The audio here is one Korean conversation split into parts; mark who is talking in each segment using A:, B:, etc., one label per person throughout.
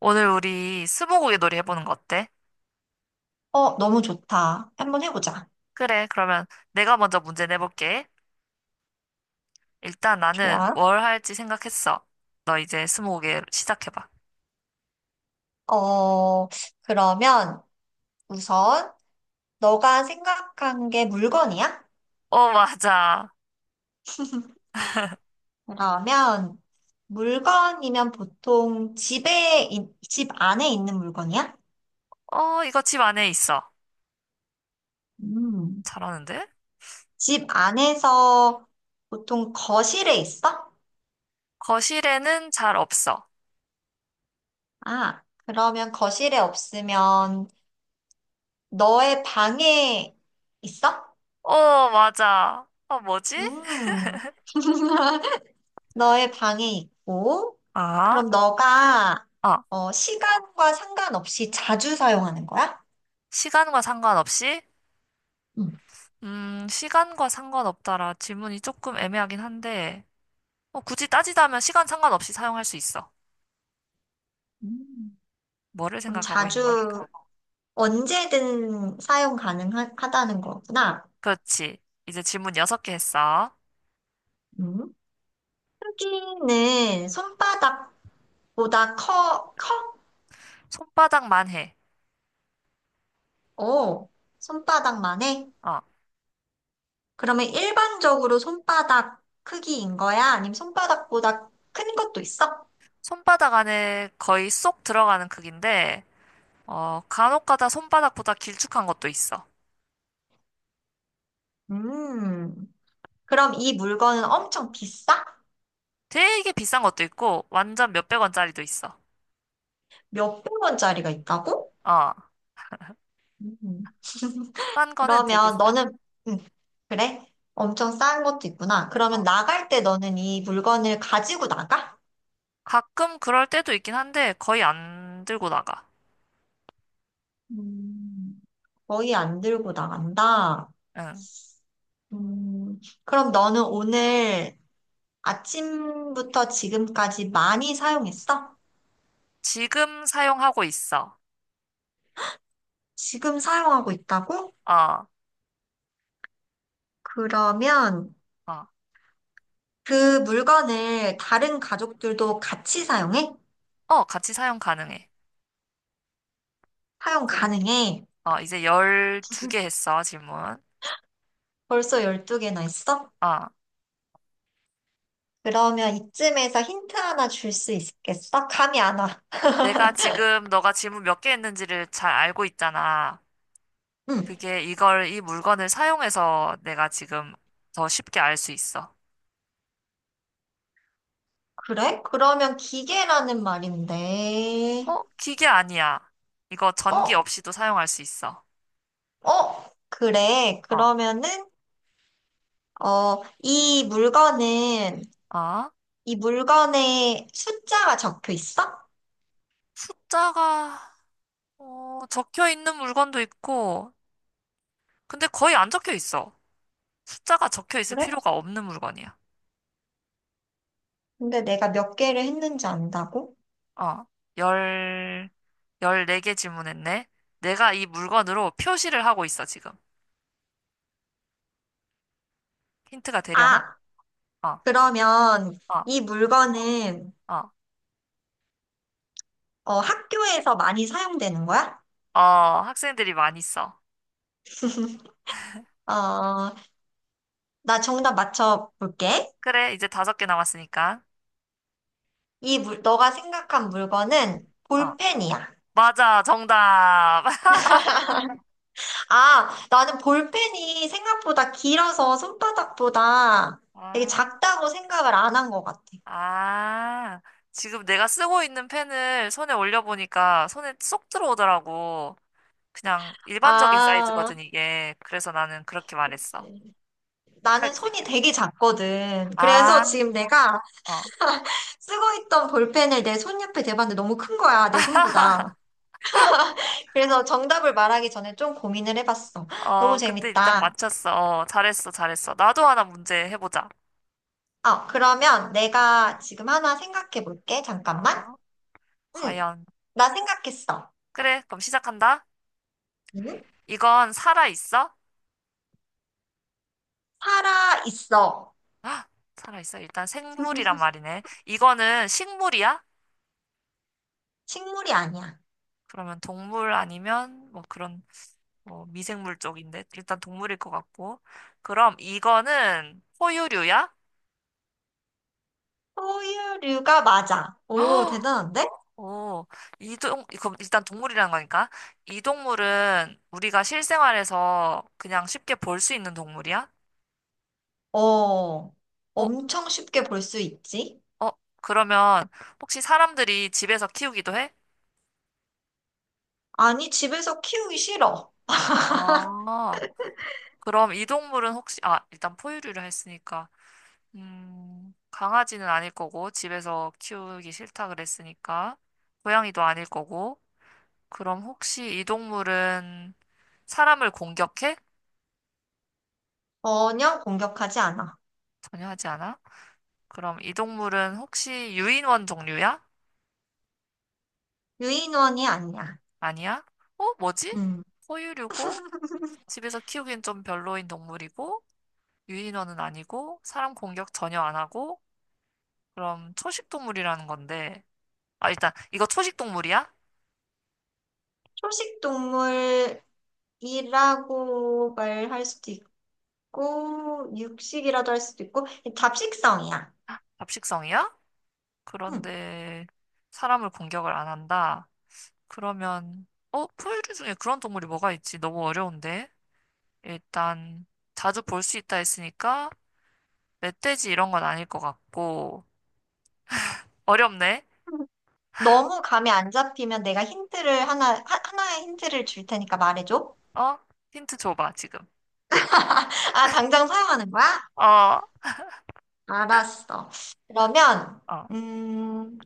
A: 오늘 우리 스무고개 놀이 해보는 거 어때?
B: 너무 좋다. 한 번 해보자.
A: 그래, 그러면 내가 먼저 문제 내볼게. 일단 나는
B: 좋아.
A: 뭘 할지 생각했어. 너 이제 스무고개 시작해봐.
B: 어, 그러면 우선 너가 생각한 게 물건이야?
A: 어, 맞아.
B: 그러면 물건이면 보통 집 안에 있는 물건이야?
A: 어, 이거 집 안에 있어.
B: 음.
A: 잘하는데?
B: 집 안에서 보통 거실에 있어?
A: 거실에는 잘 없어.
B: 아, 그러면 거실에 없으면 너의 방에 있어?
A: 어, 맞아. 어, 뭐지?
B: 음. 너의 방에 있고,
A: 아,
B: 그럼 너가
A: 아,
B: 시간과 상관없이 자주 사용하는 거야?
A: 시간과 상관없이?
B: 응.
A: 시간과 상관없다라 질문이 조금 애매하긴 한데, 어, 굳이 따지자면 시간 상관없이 사용할 수 있어.
B: 음.
A: 뭐를
B: 그럼
A: 생각하고 있는 걸까?
B: 자주 언제든 사용 가능하다는 거구나.
A: 그렇지. 이제 질문 여섯 개 했어.
B: 음. 크기는 손바닥보다 커?
A: 손바닥만 해.
B: 오, 손바닥만 해?
A: 어.
B: 그러면 일반적으로 손바닥 크기인 거야? 아니면 손바닥보다 큰 것도 있어?
A: 손바닥 안에 거의 쏙 들어가는 크기인데, 어, 간혹가다 손바닥보다 길쭉한 것도 있어.
B: 음, 그럼 이 물건은 엄청 비싸?
A: 되게 비싼 것도 있고, 완전 몇백 원짜리도 있어.
B: 몇백 원짜리가 있다고?
A: 어.
B: 음.
A: 싼 거는 되게
B: 그러면
A: 싸.
B: 너는, 음, 그래? 엄청 싼 것도 있구나. 그러면
A: 어.
B: 나갈 때 너는 이 물건을 가지고 나가?
A: 가끔 그럴 때도 있긴 한데, 거의 안 들고 나가.
B: 음. 거의 안 들고 나간다.
A: 응.
B: 음, 그럼 너는 오늘 아침부터 지금까지 많이 사용했어?
A: 지금 사용하고 있어.
B: 지금 사용하고 있다고?
A: 어,
B: 그러면
A: 어,
B: 그 물건을 다른 가족들도 같이 사용해?
A: 어, 같이 사용 가능해.
B: 사용
A: 이제,
B: 가능해?
A: 이제 12개 했어, 질문.
B: 벌써 12개나 있어?
A: 어.
B: 그러면 이쯤에서 힌트 하나 줄 수 있겠어? 감이 안 와.
A: 내가 지금 너가 질문 몇 개 했는지를 잘 알고 있잖아.
B: 응,
A: 그게 이 물건을 사용해서 내가 지금 더 쉽게 알 수 있어.
B: 그래? 그러면 기계라는 말인데,
A: 어? 기계 아니야. 이거 전기
B: 어,
A: 없이도 사용할 수 있어.
B: 그래.
A: 어,
B: 그러면은, 이 물건은,
A: 아?
B: 이 물건에 숫자가 적혀 있어?
A: 숫자가, 어, 적혀 있는 물건도 있고, 근데 거의 안 적혀 있어. 숫자가 적혀 있을
B: 그래?
A: 필요가 없는 물건이야.
B: 근데 내가 몇 개를 했는지 안다고?
A: 어, 열, 열네 개 질문했네. 내가 이 물건으로 표시를 하고 있어, 지금. 힌트가 되려나?
B: 아,
A: 어,
B: 그러면
A: 어.
B: 이 물건은,
A: 어.
B: 학교에서 많이 사용되는 거야?
A: 어, 학생들이 많이 써.
B: 어, 나 정답 맞춰볼게.
A: 그래, 이제 다섯 개 남았으니까.
B: 너가 생각한 물건은
A: 어,
B: 볼펜이야.
A: 맞아, 정답.
B: 아, 나는 볼펜이 생각보다 길어서 손바닥보다 되게
A: 아,
B: 작다고 생각을 안 한 것 같아.
A: 아, 지금 내가 쓰고 있는 펜을 손에 올려보니까 손에 쏙 들어오더라고. 그냥 일반적인
B: 아,
A: 사이즈거든, 이게. 그래서 나는 그렇게 말했어.
B: 그치. 나는
A: 헷갈릴 수
B: 손이
A: 있겠다.
B: 되게 작거든. 그래서
A: 아,
B: 지금 내가
A: 어,
B: 쓰고 있던 볼펜을 내 손 옆에 대봤는데 너무 큰 거야, 내 손보다. 그래서 정답을 말하기 전에 좀 고민을 해봤어. 너무
A: 어, 근데 일단
B: 재밌다.
A: 맞췄어. 어, 잘했어, 잘했어. 나도 하나 문제 해보자.
B: 아, 그러면 내가 지금 하나 생각해 볼게. 잠깐만.
A: 어,
B: 응,
A: 과연.
B: 나 생각했어.
A: 그래, 그럼 시작한다.
B: 응?
A: 이건 살아있어?
B: 살아 있어.
A: 아, 살아있어. 일단 생물이란 말이네. 이거는 식물이야?
B: 식물이 아니야.
A: 그러면 동물 아니면 뭐 그런 뭐 미생물 쪽인데 일단 동물일 것 같고. 그럼 이거는 포유류야?
B: 포유류가 맞아. 오,
A: 어,
B: 대단한데?
A: 오, 그럼 일단 동물이라는 거니까. 이 동물은 우리가 실생활에서 그냥 쉽게 볼 수 있는 동물이야?
B: 어,
A: 어,
B: 엄청 쉽게 볼 수 있지?
A: 어, 그러면 혹시 사람들이 집에서 키우기도 해?
B: 아니, 집에서 키우기 싫어.
A: 아, 그럼 이 동물은 혹시, 아, 일단 포유류를 했으니까. 강아지는 아닐 거고, 집에서 키우기 싫다 그랬으니까, 고양이도 아닐 거고, 그럼 혹시 이 동물은 사람을 공격해?
B: 전혀 공격하지 않아.
A: 전혀 하지 않아? 그럼 이 동물은 혹시 유인원 종류야?
B: 유인원이 아니야.
A: 아니야? 어, 뭐지?
B: 음,
A: 포유류고, 집에서 키우기엔 좀 별로인 동물이고, 유인원은 아니고, 사람 공격 전혀 안 하고, 그럼 초식 동물이라는 건데, 아, 일단, 이거 초식 동물이야?
B: 초식 동물이라고 말할 수도 있고, 육식이라도 할 수도 있고, 잡식성이야.
A: 잡식성이야?
B: 음.
A: 그런데 사람을 공격을 안 한다. 그러면, 어, 포유류 중에 그런 동물이 뭐가 있지? 너무 어려운데? 일단, 자주 볼 수 있다 했으니까, 멧돼지 이런 건 아닐 것 같고, 어렵네?
B: 너무 감이 안 잡히면 내가 힌트를 하나의 힌트를 줄 테니까 말해줘.
A: 어? 힌트 줘봐, 지금.
B: 아, 당장 사용하는 거야?
A: 어,
B: 알았어. 그러면,
A: 어,
B: 음,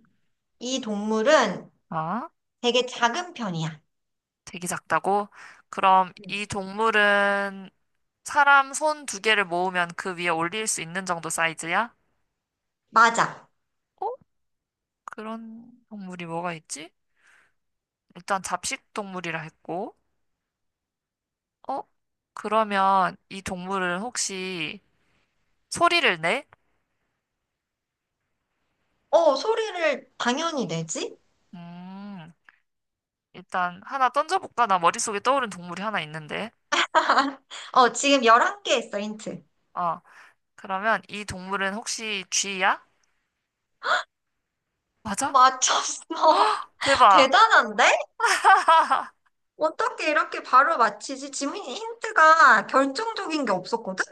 B: 이 동물은
A: 아?
B: 되게 작은 편이야.
A: 되게 작다고? 그럼
B: 음.
A: 이 동물은 사람 손 두 개를 모으면 그 위에 올릴 수 있는 정도 사이즈야?
B: 맞아.
A: 어? 그런 동물이 뭐가 있지? 일단 잡식 동물이라 했고, 어? 그러면 이 동물은 혹시 소리를 내?
B: 어, 소리를 당연히 내지?
A: 음, 일단 하나 던져볼까? 나 머릿속에 떠오른 동물이 하나 있는데.
B: 어, 지금 11개 했어, 힌트.
A: 어, 그러면 이 동물은 혹시 쥐야? 맞아?
B: 맞췄어.
A: 대박!
B: 대단한데? 어떻게 이렇게 바로 맞히지? 지금 힌트가 결정적인 게 없었거든?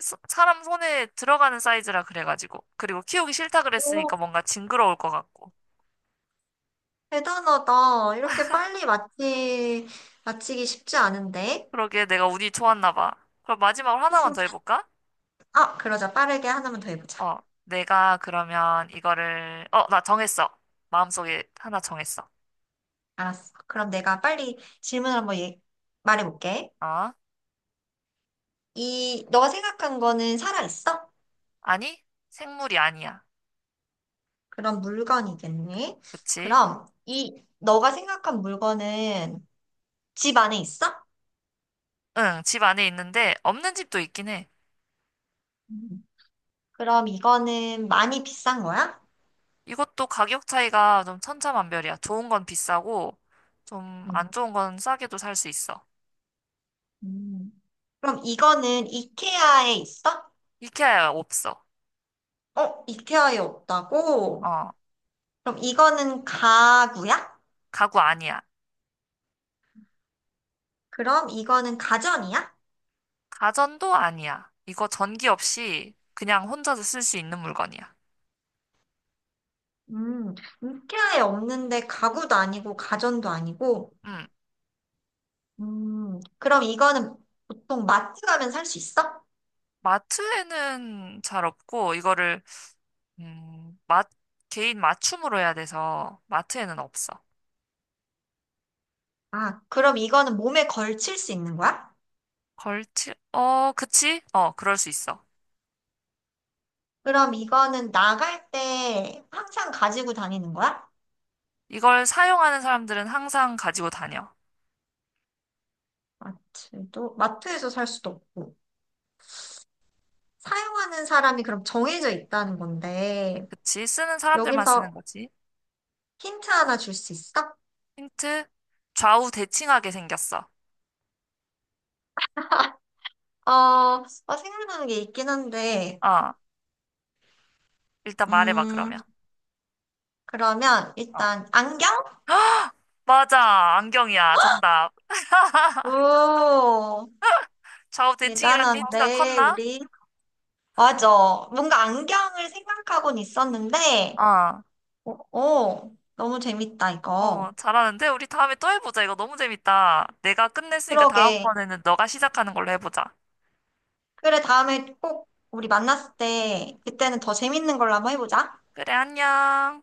A: 사람 손에 들어가는 사이즈라 그래가지고. 그리고 키우기 싫다
B: 오,
A: 그랬으니까 뭔가 징그러울 것 같고.
B: 대단하다. 맞히기 쉽지 않은데?
A: 그러게 내가 운이 좋았나 봐. 그럼 마지막으로 하나만 더 해볼까?
B: 아, 그러자. 빠르게 하나만 더 해보자.
A: 어, 내가 그러면 나 정했어. 마음속에 하나 정했어.
B: 알았어. 그럼 내가 빨리 질문을 말해볼게.
A: 어?
B: 이, 너가 생각한 거는 살아있어?
A: 아니, 생물이 아니야.
B: 그럼 물건이겠니?
A: 그치?
B: 그럼 이, 너가 생각한 물건은 집 안에 있어?
A: 응, 집 안에 있는데 없는 집도 있긴 해.
B: 음. 그럼 이거는 많이 비싼 거야?
A: 이것도 가격 차이가 좀 천차만별이야. 좋은 건 비싸고 좀
B: 음.
A: 안 좋은 건 싸게도 살 수 있어.
B: 음. 그럼 이거는 이케아에 있어?
A: 이케아야 없어.
B: 어, 이케아에 없다고?
A: 어,
B: 그럼 이거는 가구야?
A: 가구 아니야.
B: 그럼 이거는 가전이야?
A: 가전도 아니야. 이거 전기 없이 그냥 혼자서 쓸 수 있는 물건이야.
B: 음, 이케아에 없는데 가구도 아니고 가전도 아니고
A: 음,
B: 그럼 이거는 보통 마트 가면 살 수 있어?
A: 마트에는 잘 없고 이거를 음, 마, 개인 맞춤으로 해야 돼서 마트에는 없어.
B: 아, 그럼 이거는 몸에 걸칠 수 있는 거야?
A: 어, 그치? 어, 그럴 수 있어.
B: 그럼 이거는 나갈 때 항상 가지고 다니는 거야?
A: 이걸 사용하는 사람들은 항상 가지고 다녀.
B: 마트에서 살 수도 없고. 사용하는 사람이 그럼 정해져 있다는 건데,
A: 그치? 쓰는 사람들만 쓰는
B: 여기서
A: 거지.
B: 힌트 하나 줄 수 있어?
A: 힌트? 좌우 대칭하게 생겼어.
B: 어, 생각나는 게 있긴 한데,
A: 어, 일단 말해봐,
B: 음,
A: 그러면.
B: 그러면
A: 어.
B: 일단 안경?
A: 맞아, 안경이야. 정답.
B: 오,
A: 좌우 대칭이라는 게 힌트가
B: 대단한데,
A: 컸나?
B: 우리. 맞아. 뭔가 안경을 생각하곤 있었는데,
A: 어,
B: 어, 너무 재밌다,
A: 어,
B: 이거.
A: 잘하는데? 우리 다음에 또 해보자. 이거 너무 재밌다. 내가 끝냈으니까
B: 그러게.
A: 다음번에는 너가 시작하는 걸로 해보자.
B: 그래, 다음에 꼭 우리 만났을 때, 그때는 더 재밌는 걸로 한번 해보자.
A: 그래, 안녕.